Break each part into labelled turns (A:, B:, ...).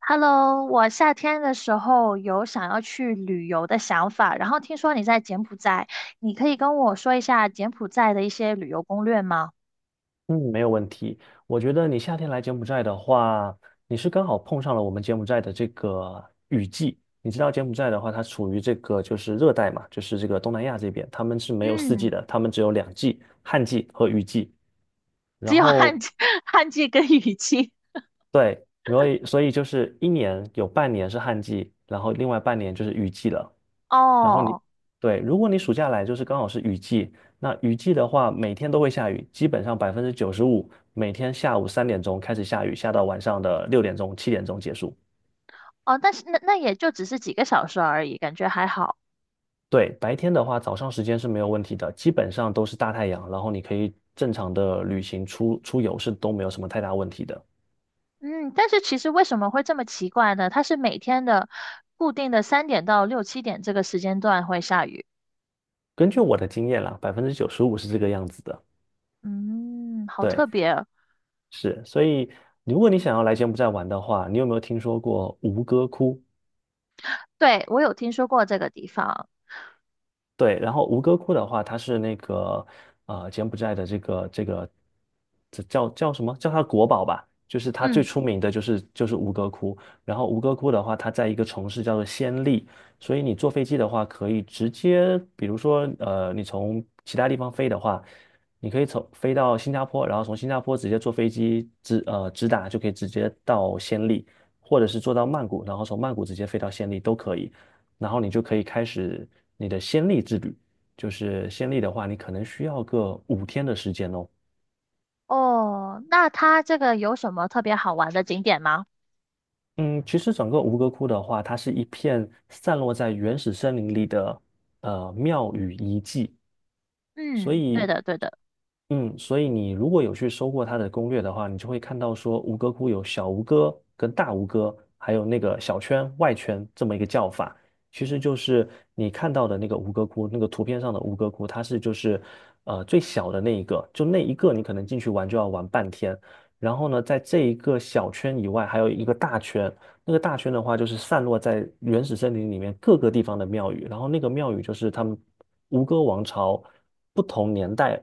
A: Hello，我夏天的时候有想要去旅游的想法，然后听说你在柬埔寨，你可以跟我说一下柬埔寨的一些旅游攻略吗？
B: 嗯，没有问题。我觉得你夏天来柬埔寨的话，你是刚好碰上了我们柬埔寨的这个雨季。你知道柬埔寨的话，它处于这个就是热带嘛，就是这个东南亚这边，他们是没有四季
A: 嗯，
B: 的，他们只有两季，旱季和雨季。
A: 只
B: 然
A: 有旱
B: 后
A: 季、旱季跟雨季。
B: 对，所以就是一年有半年是旱季，然后另外半年就是雨季了。然后你，
A: 哦
B: 对，如果你暑假来就是刚好是雨季，那雨季的话每天都会下雨，基本上百分之九十五每天下午3点钟开始下雨，下到晚上的6点钟、7点钟结束。
A: 哦，但是那也就只是几个小时而已，感觉还好。
B: 对，白天的话早上时间是没有问题的，基本上都是大太阳，然后你可以正常的旅行出游是都没有什么太大问题的。
A: 嗯，但是其实为什么会这么奇怪呢？它是每天的固定的三点到六七点这个时间段会下雨。
B: 根据我的经验啦，百分之九十五是这个样子的。
A: 嗯，好
B: 对，
A: 特别。
B: 是，所以如果你想要来柬埔寨玩的话，你有没有听说过吴哥窟？
A: 对，我有听说过这个地方。
B: 对，然后吴哥窟的话，它是那个柬埔寨的这个这叫什么？叫它国宝吧，就是它最
A: 嗯。
B: 出名的就是吴哥窟。然后吴哥窟的话，它在一个城市叫做暹粒，所以你坐飞机的话，可以直接，比如说你从其他地方飞的话，你可以从飞到新加坡，然后从新加坡直接坐飞机直达就可以直接到暹粒，或者是坐到曼谷，然后从曼谷直接飞到暹粒都可以。然后你就可以开始你的先例之旅。就是先例的话，你可能需要个5天的时间哦。
A: 哦，那它这个有什么特别好玩的景点吗？
B: 嗯，其实整个吴哥窟的话，它是一片散落在原始森林里的庙宇遗迹，所
A: 嗯，对
B: 以，
A: 的，对的。
B: 所以你如果有去搜过它的攻略的话，你就会看到说吴哥窟有小吴哥跟大吴哥，还有那个小圈、外圈这么一个叫法，其实就是你看到的那个吴哥窟，那个图片上的吴哥窟，它是最小的那一个，就那一个你可能进去玩就要玩半天。然后呢，在这一个小圈以外，还有一个大圈。那个大圈的话，就是散落在原始森林里面各个地方的庙宇。然后那个庙宇就是他们吴哥王朝不同年代，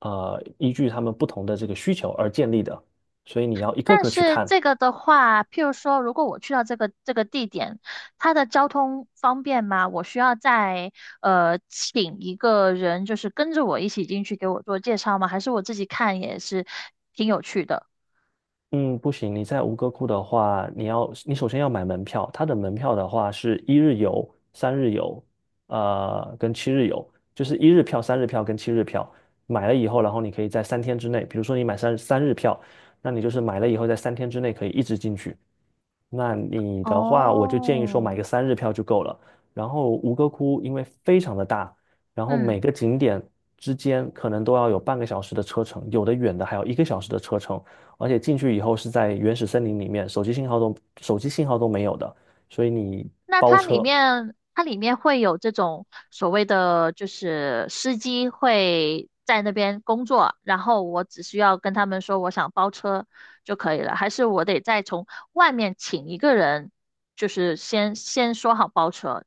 B: 依据他们不同的这个需求而建立的。所以你要一个
A: 但
B: 个去
A: 是
B: 看。
A: 这个的话，譬如说，如果我去到这个地点，它的交通方便吗？我需要再请一个人，就是跟着我一起进去给我做介绍吗？还是我自己看也是？
B: 嗯，不行，你在吴哥窟的话，你首先要买门票，它的门票的话是一日游、三日游，跟七日游，就是一日票、三日票跟七日票。买了以后，然后你可以在三天之内，比如说你买三日票，那你就是买了以后在三天之内可以一直进去。那你的话，我就建议说买
A: 哦，
B: 个三日票就够了。然后吴哥窟因为非常的大，然后每
A: 嗯。
B: 个景点之间可能都要有半个小时的车程，有的远的还有一个小时的车程。而且进去以后是在原始森林里面，手机信号都没有的，所以你
A: 那
B: 包
A: 它里
B: 车。
A: 面会有这种所谓的，就是司机会在那边工作，然后我只需要跟他们说我想包车就可以了，还是我得再从外面请一个人，就是先说好包车。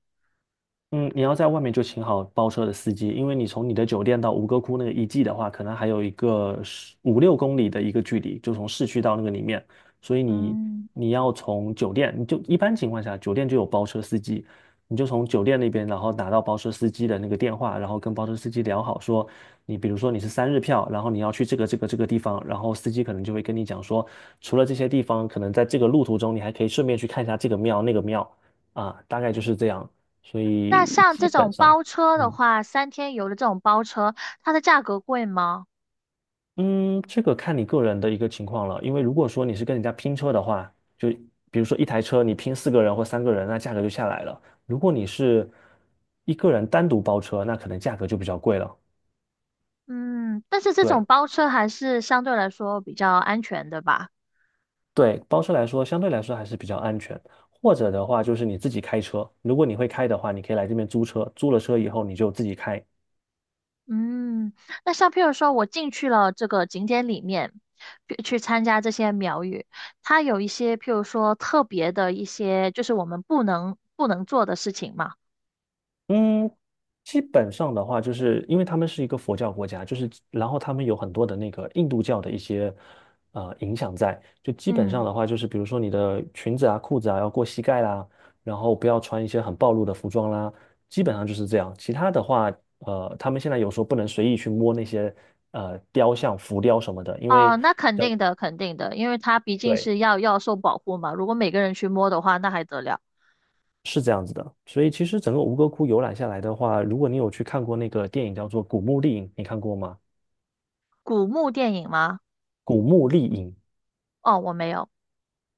B: 嗯，你要在外面就请好包车的司机，因为你从你的酒店到吴哥窟那个遗迹的话，可能还有一个十五六公里的一个距离，就从市区到那个里面，所以你
A: 嗯，
B: 你要从酒店，你就一般情况下酒店就有包车司机，你就从酒店那边，然后打到包车司机的那个电话，然后跟包车司机聊好说，你比如说你是三日票，然后你要去这个地方，然后司机可能就会跟你讲说，除了这些地方，可能在这个路途中你还可以顺便去看一下这个庙那个庙。啊，大概就是这样。所
A: 那
B: 以
A: 像
B: 基
A: 这
B: 本
A: 种
B: 上，
A: 包车的
B: 嗯
A: 话，三天游的这种包车，它的价格贵吗？
B: 嗯，这个看你个人的一个情况了。因为如果说你是跟人家拼车的话，就比如说一台车你拼4个人或3个人，那价格就下来了。如果你是一个人单独包车，那可能价格就比较贵了。
A: 嗯，但是这种
B: 对
A: 包车还是相对来说比较安全的吧。
B: 对，包车来说相对来说还是比较安全。或者的话就是你自己开车，如果你会开的话，你可以来这边租车，租了车以后你就自己开。
A: 嗯，那像譬如说，我进去了这个景点里面，去参加这些苗语，它有一些譬如说特别的一些，就是我们不能做的事情嘛。
B: 嗯，基本上的话，就是因为他们是一个佛教国家，就是然后他们有很多的那个印度教的一些影响在，就基本上
A: 嗯，
B: 的话，就是比如说你的裙子啊、裤子啊要过膝盖啦，然后不要穿一些很暴露的服装啦，基本上就是这样。其他的话，他们现在有时候不能随意去摸那些雕像、浮雕什么的，
A: 哦，那肯定的，肯定的，因为它毕竟
B: 对
A: 是要受保护嘛。如果每个人去摸的话，那还得了？
B: 是这样子的。所以其实整个吴哥窟游览下来的话，如果你有去看过那个电影叫做《古墓丽影》，你看过吗？
A: 古墓电影吗？
B: 《古墓丽影》
A: 哦，我没有。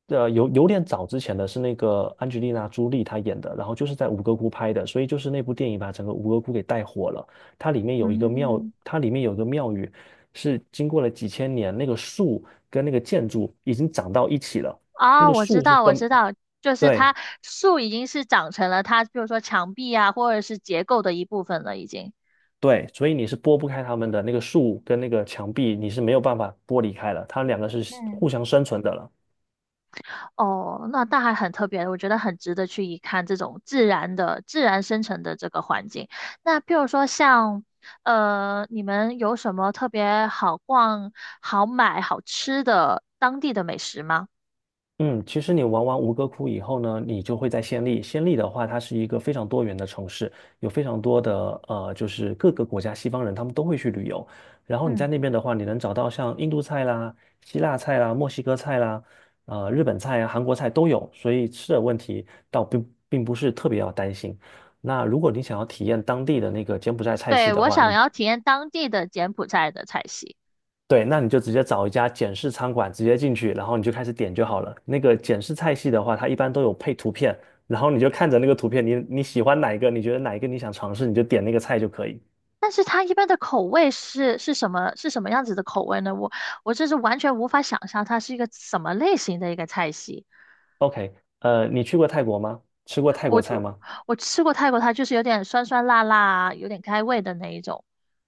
B: 有点早之前的是那个安吉丽娜·朱莉她演的，然后就是在吴哥窟拍的，所以就是那部电影把整个吴哥窟给带火了。
A: 嗯，
B: 它里面有一个庙宇是经过了几千年，那个树跟那个建筑已经长到一起了。那
A: 啊，
B: 个
A: 我知
B: 树是
A: 道，我
B: 分，
A: 知道，就是
B: 对
A: 它树已经是长成了它，譬如说墙壁啊，或者是结构的一部分了，已经。
B: 对，所以你是拨不开它们的，那个树跟那个墙壁你是没有办法剥离开了，它们两个是
A: 嗯。
B: 互相生存的了。
A: 哦，那那还很特别，我觉得很值得去一看这种自然的、自然生成的这个环境。那譬如说像，你们有什么特别好逛、好买、好吃的当地的美食吗？
B: 嗯，其实你玩完吴哥窟以后呢，你就会在暹粒。暹粒的话，它是一个非常多元的城市，有非常多的，就是各个国家西方人他们都会去旅游。然后你在
A: 嗯，
B: 那边的话，你能找到像印度菜啦、希腊菜啦、墨西哥菜啦、日本菜啊、韩国菜都有，所以吃的问题倒并不是特别要担心。那如果你想要体验当地的那个柬埔寨菜系
A: 对，
B: 的
A: 我
B: 话，
A: 想要体验当地的柬埔寨的菜系，
B: 对，那你就直接找一家简式餐馆，直接进去，然后你就开始点就好了。那个简式菜系的话，它一般都有配图片，然后你就看着那个图片，你喜欢哪一个，你觉得哪一个你想尝试，你就点那个菜就可以。
A: 但是它一般的口味是什么？是什么样子的口味呢？我这是完全无法想象它是一个什么类型的一个菜系。
B: OK,你去过泰国吗？吃过泰国菜吗？
A: 我吃过泰国它就是有点酸酸辣辣啊，有点开胃的那一种。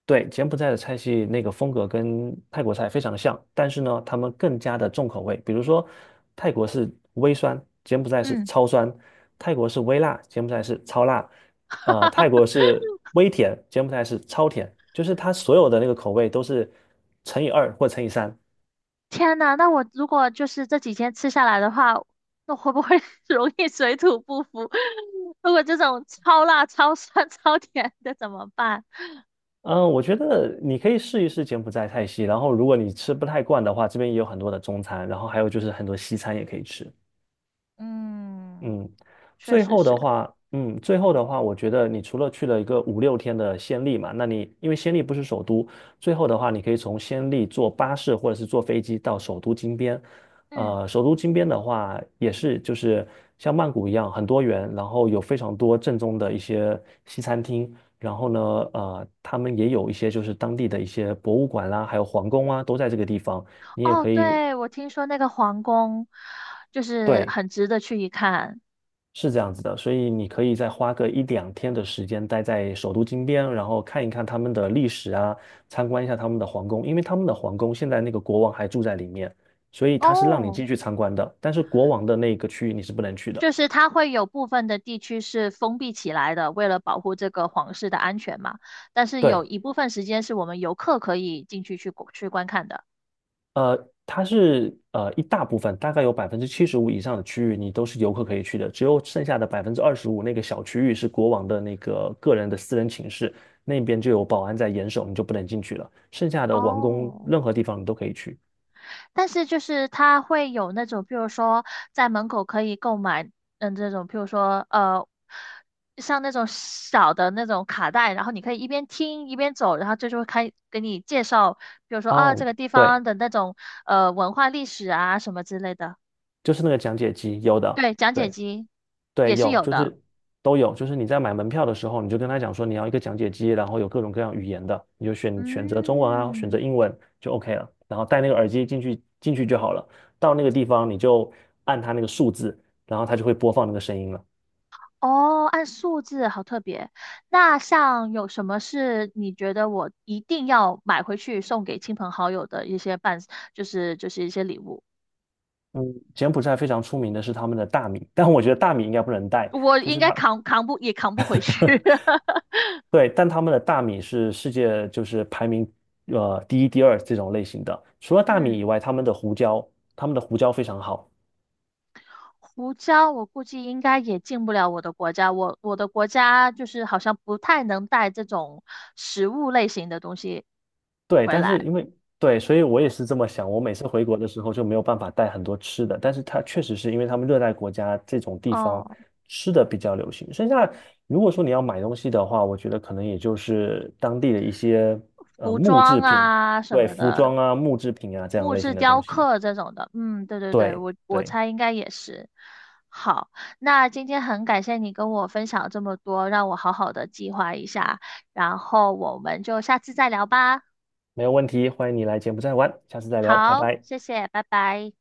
B: 对，柬埔寨的菜系那个风格跟泰国菜非常的像，但是呢，他们更加的重口味。比如说，泰国是微酸，柬埔寨是
A: 嗯，
B: 超酸；泰国是微辣，柬埔寨是超辣；泰国 是微甜，柬埔寨是超甜。就是它所有的那个口味都是乘以二或乘以三。
A: 天呐，那我如果就是这几天吃下来的话，那会不会 容易水土不服？如果这种超辣、超酸、超甜的怎么办？
B: 嗯，我觉得你可以试一试柬埔寨菜系，然后如果你吃不太惯的话，这边也有很多的中餐，然后还有就是很多西餐也可以吃。
A: 嗯，
B: 嗯，
A: 确实是。
B: 最后的话，我觉得你除了去了一个五六天的暹粒嘛，那你因为暹粒不是首都，最后的话，你可以从暹粒坐巴士或者是坐飞机到首都金边。
A: 嗯，
B: 首都金边的话，也是就是像曼谷一样很多元，然后有非常多正宗的一些西餐厅，然后呢，他们也有一些就是当地的一些博物馆啦，还有皇宫啊，都在这个地方，你也
A: 哦，
B: 可以。
A: 对，我听说那个皇宫就是
B: 对，
A: 很值得去一看。
B: 是这样子的，所以你可以再花个一两天的时间待在首都金边，然后看一看他们的历史啊，参观一下他们的皇宫，因为他们的皇宫现在那个国王还住在里面，所以他是让你
A: 哦，
B: 进去参观的，但是国王的那个区域你是不能去的。
A: 就是它会有部分的地区是封闭起来的，为了保护这个皇室的安全嘛。但是有
B: 对，
A: 一部分时间是我们游客可以进去观看的。
B: 它是一大部分，大概有75%以上的区域你都是游客可以去的，只有剩下的25%那个小区域是国王的那个个人的私人寝室，那边就有保安在严守，你就不能进去了。剩下的王宫
A: 哦，
B: 任何地方你都可以去。
A: 但是就是它会有那种，比如说在门口可以购买，嗯，这种，比如说像那种小的那种卡带，然后你可以一边听一边走，然后这就会开给你介绍，比如说啊这
B: 哦，
A: 个地方
B: 对，
A: 的那种文化历史啊什么之类的。
B: 就是那个讲解机，有的。
A: 对，讲解
B: 对，
A: 机
B: 对，
A: 也是
B: 有，
A: 有
B: 就
A: 的。
B: 是都有，就是你在买门票的时候，你就跟他讲说你要一个讲解机，然后有各种各样语言的，你就选择中文啊，选择
A: 嗯，
B: 英文就 OK 了，然后戴那个耳机进去就好了。到那个地方你就按它那个数字，然后它就会播放那个声音了。
A: 哦，按数字，好特别。那像有什么是你觉得我一定要买回去送给亲朋好友的一些伴，就是一些礼物，
B: 嗯，柬埔寨非常出名的是他们的大米，但我觉得大米应该不能带，
A: 我
B: 就
A: 应
B: 是
A: 该
B: 它，
A: 扛不回去。
B: 对，但他们的大米是世界就是排名第一、第二这种类型的。除了大米
A: 嗯，
B: 以外，他们的胡椒非常好。
A: 胡椒我估计应该也进不了我的国家，我的国家就是好像不太能带这种食物类型的东西
B: 对，
A: 回
B: 但是
A: 来。
B: 因为对，所以我也是这么想。我每次回国的时候就没有办法带很多吃的，但是它确实是因为他们热带国家这种地方
A: 哦，
B: 吃的比较流行。剩下如果说你要买东西的话，我觉得可能也就是当地的一些
A: 服
B: 木制
A: 装
B: 品，
A: 啊什
B: 对，
A: 么
B: 服
A: 的，
B: 装啊、木制品啊这样
A: 木
B: 类
A: 质
B: 型的
A: 雕
B: 东西。
A: 刻这种的，嗯，对对对，
B: 对
A: 我
B: 对，
A: 猜应该也是。好，那今天很感谢你跟我分享这么多，让我好好的计划一下，然后我们就下次再聊吧。
B: 没有问题，欢迎你来柬埔寨玩，下次再聊，拜
A: 好，
B: 拜。
A: 谢谢，拜拜。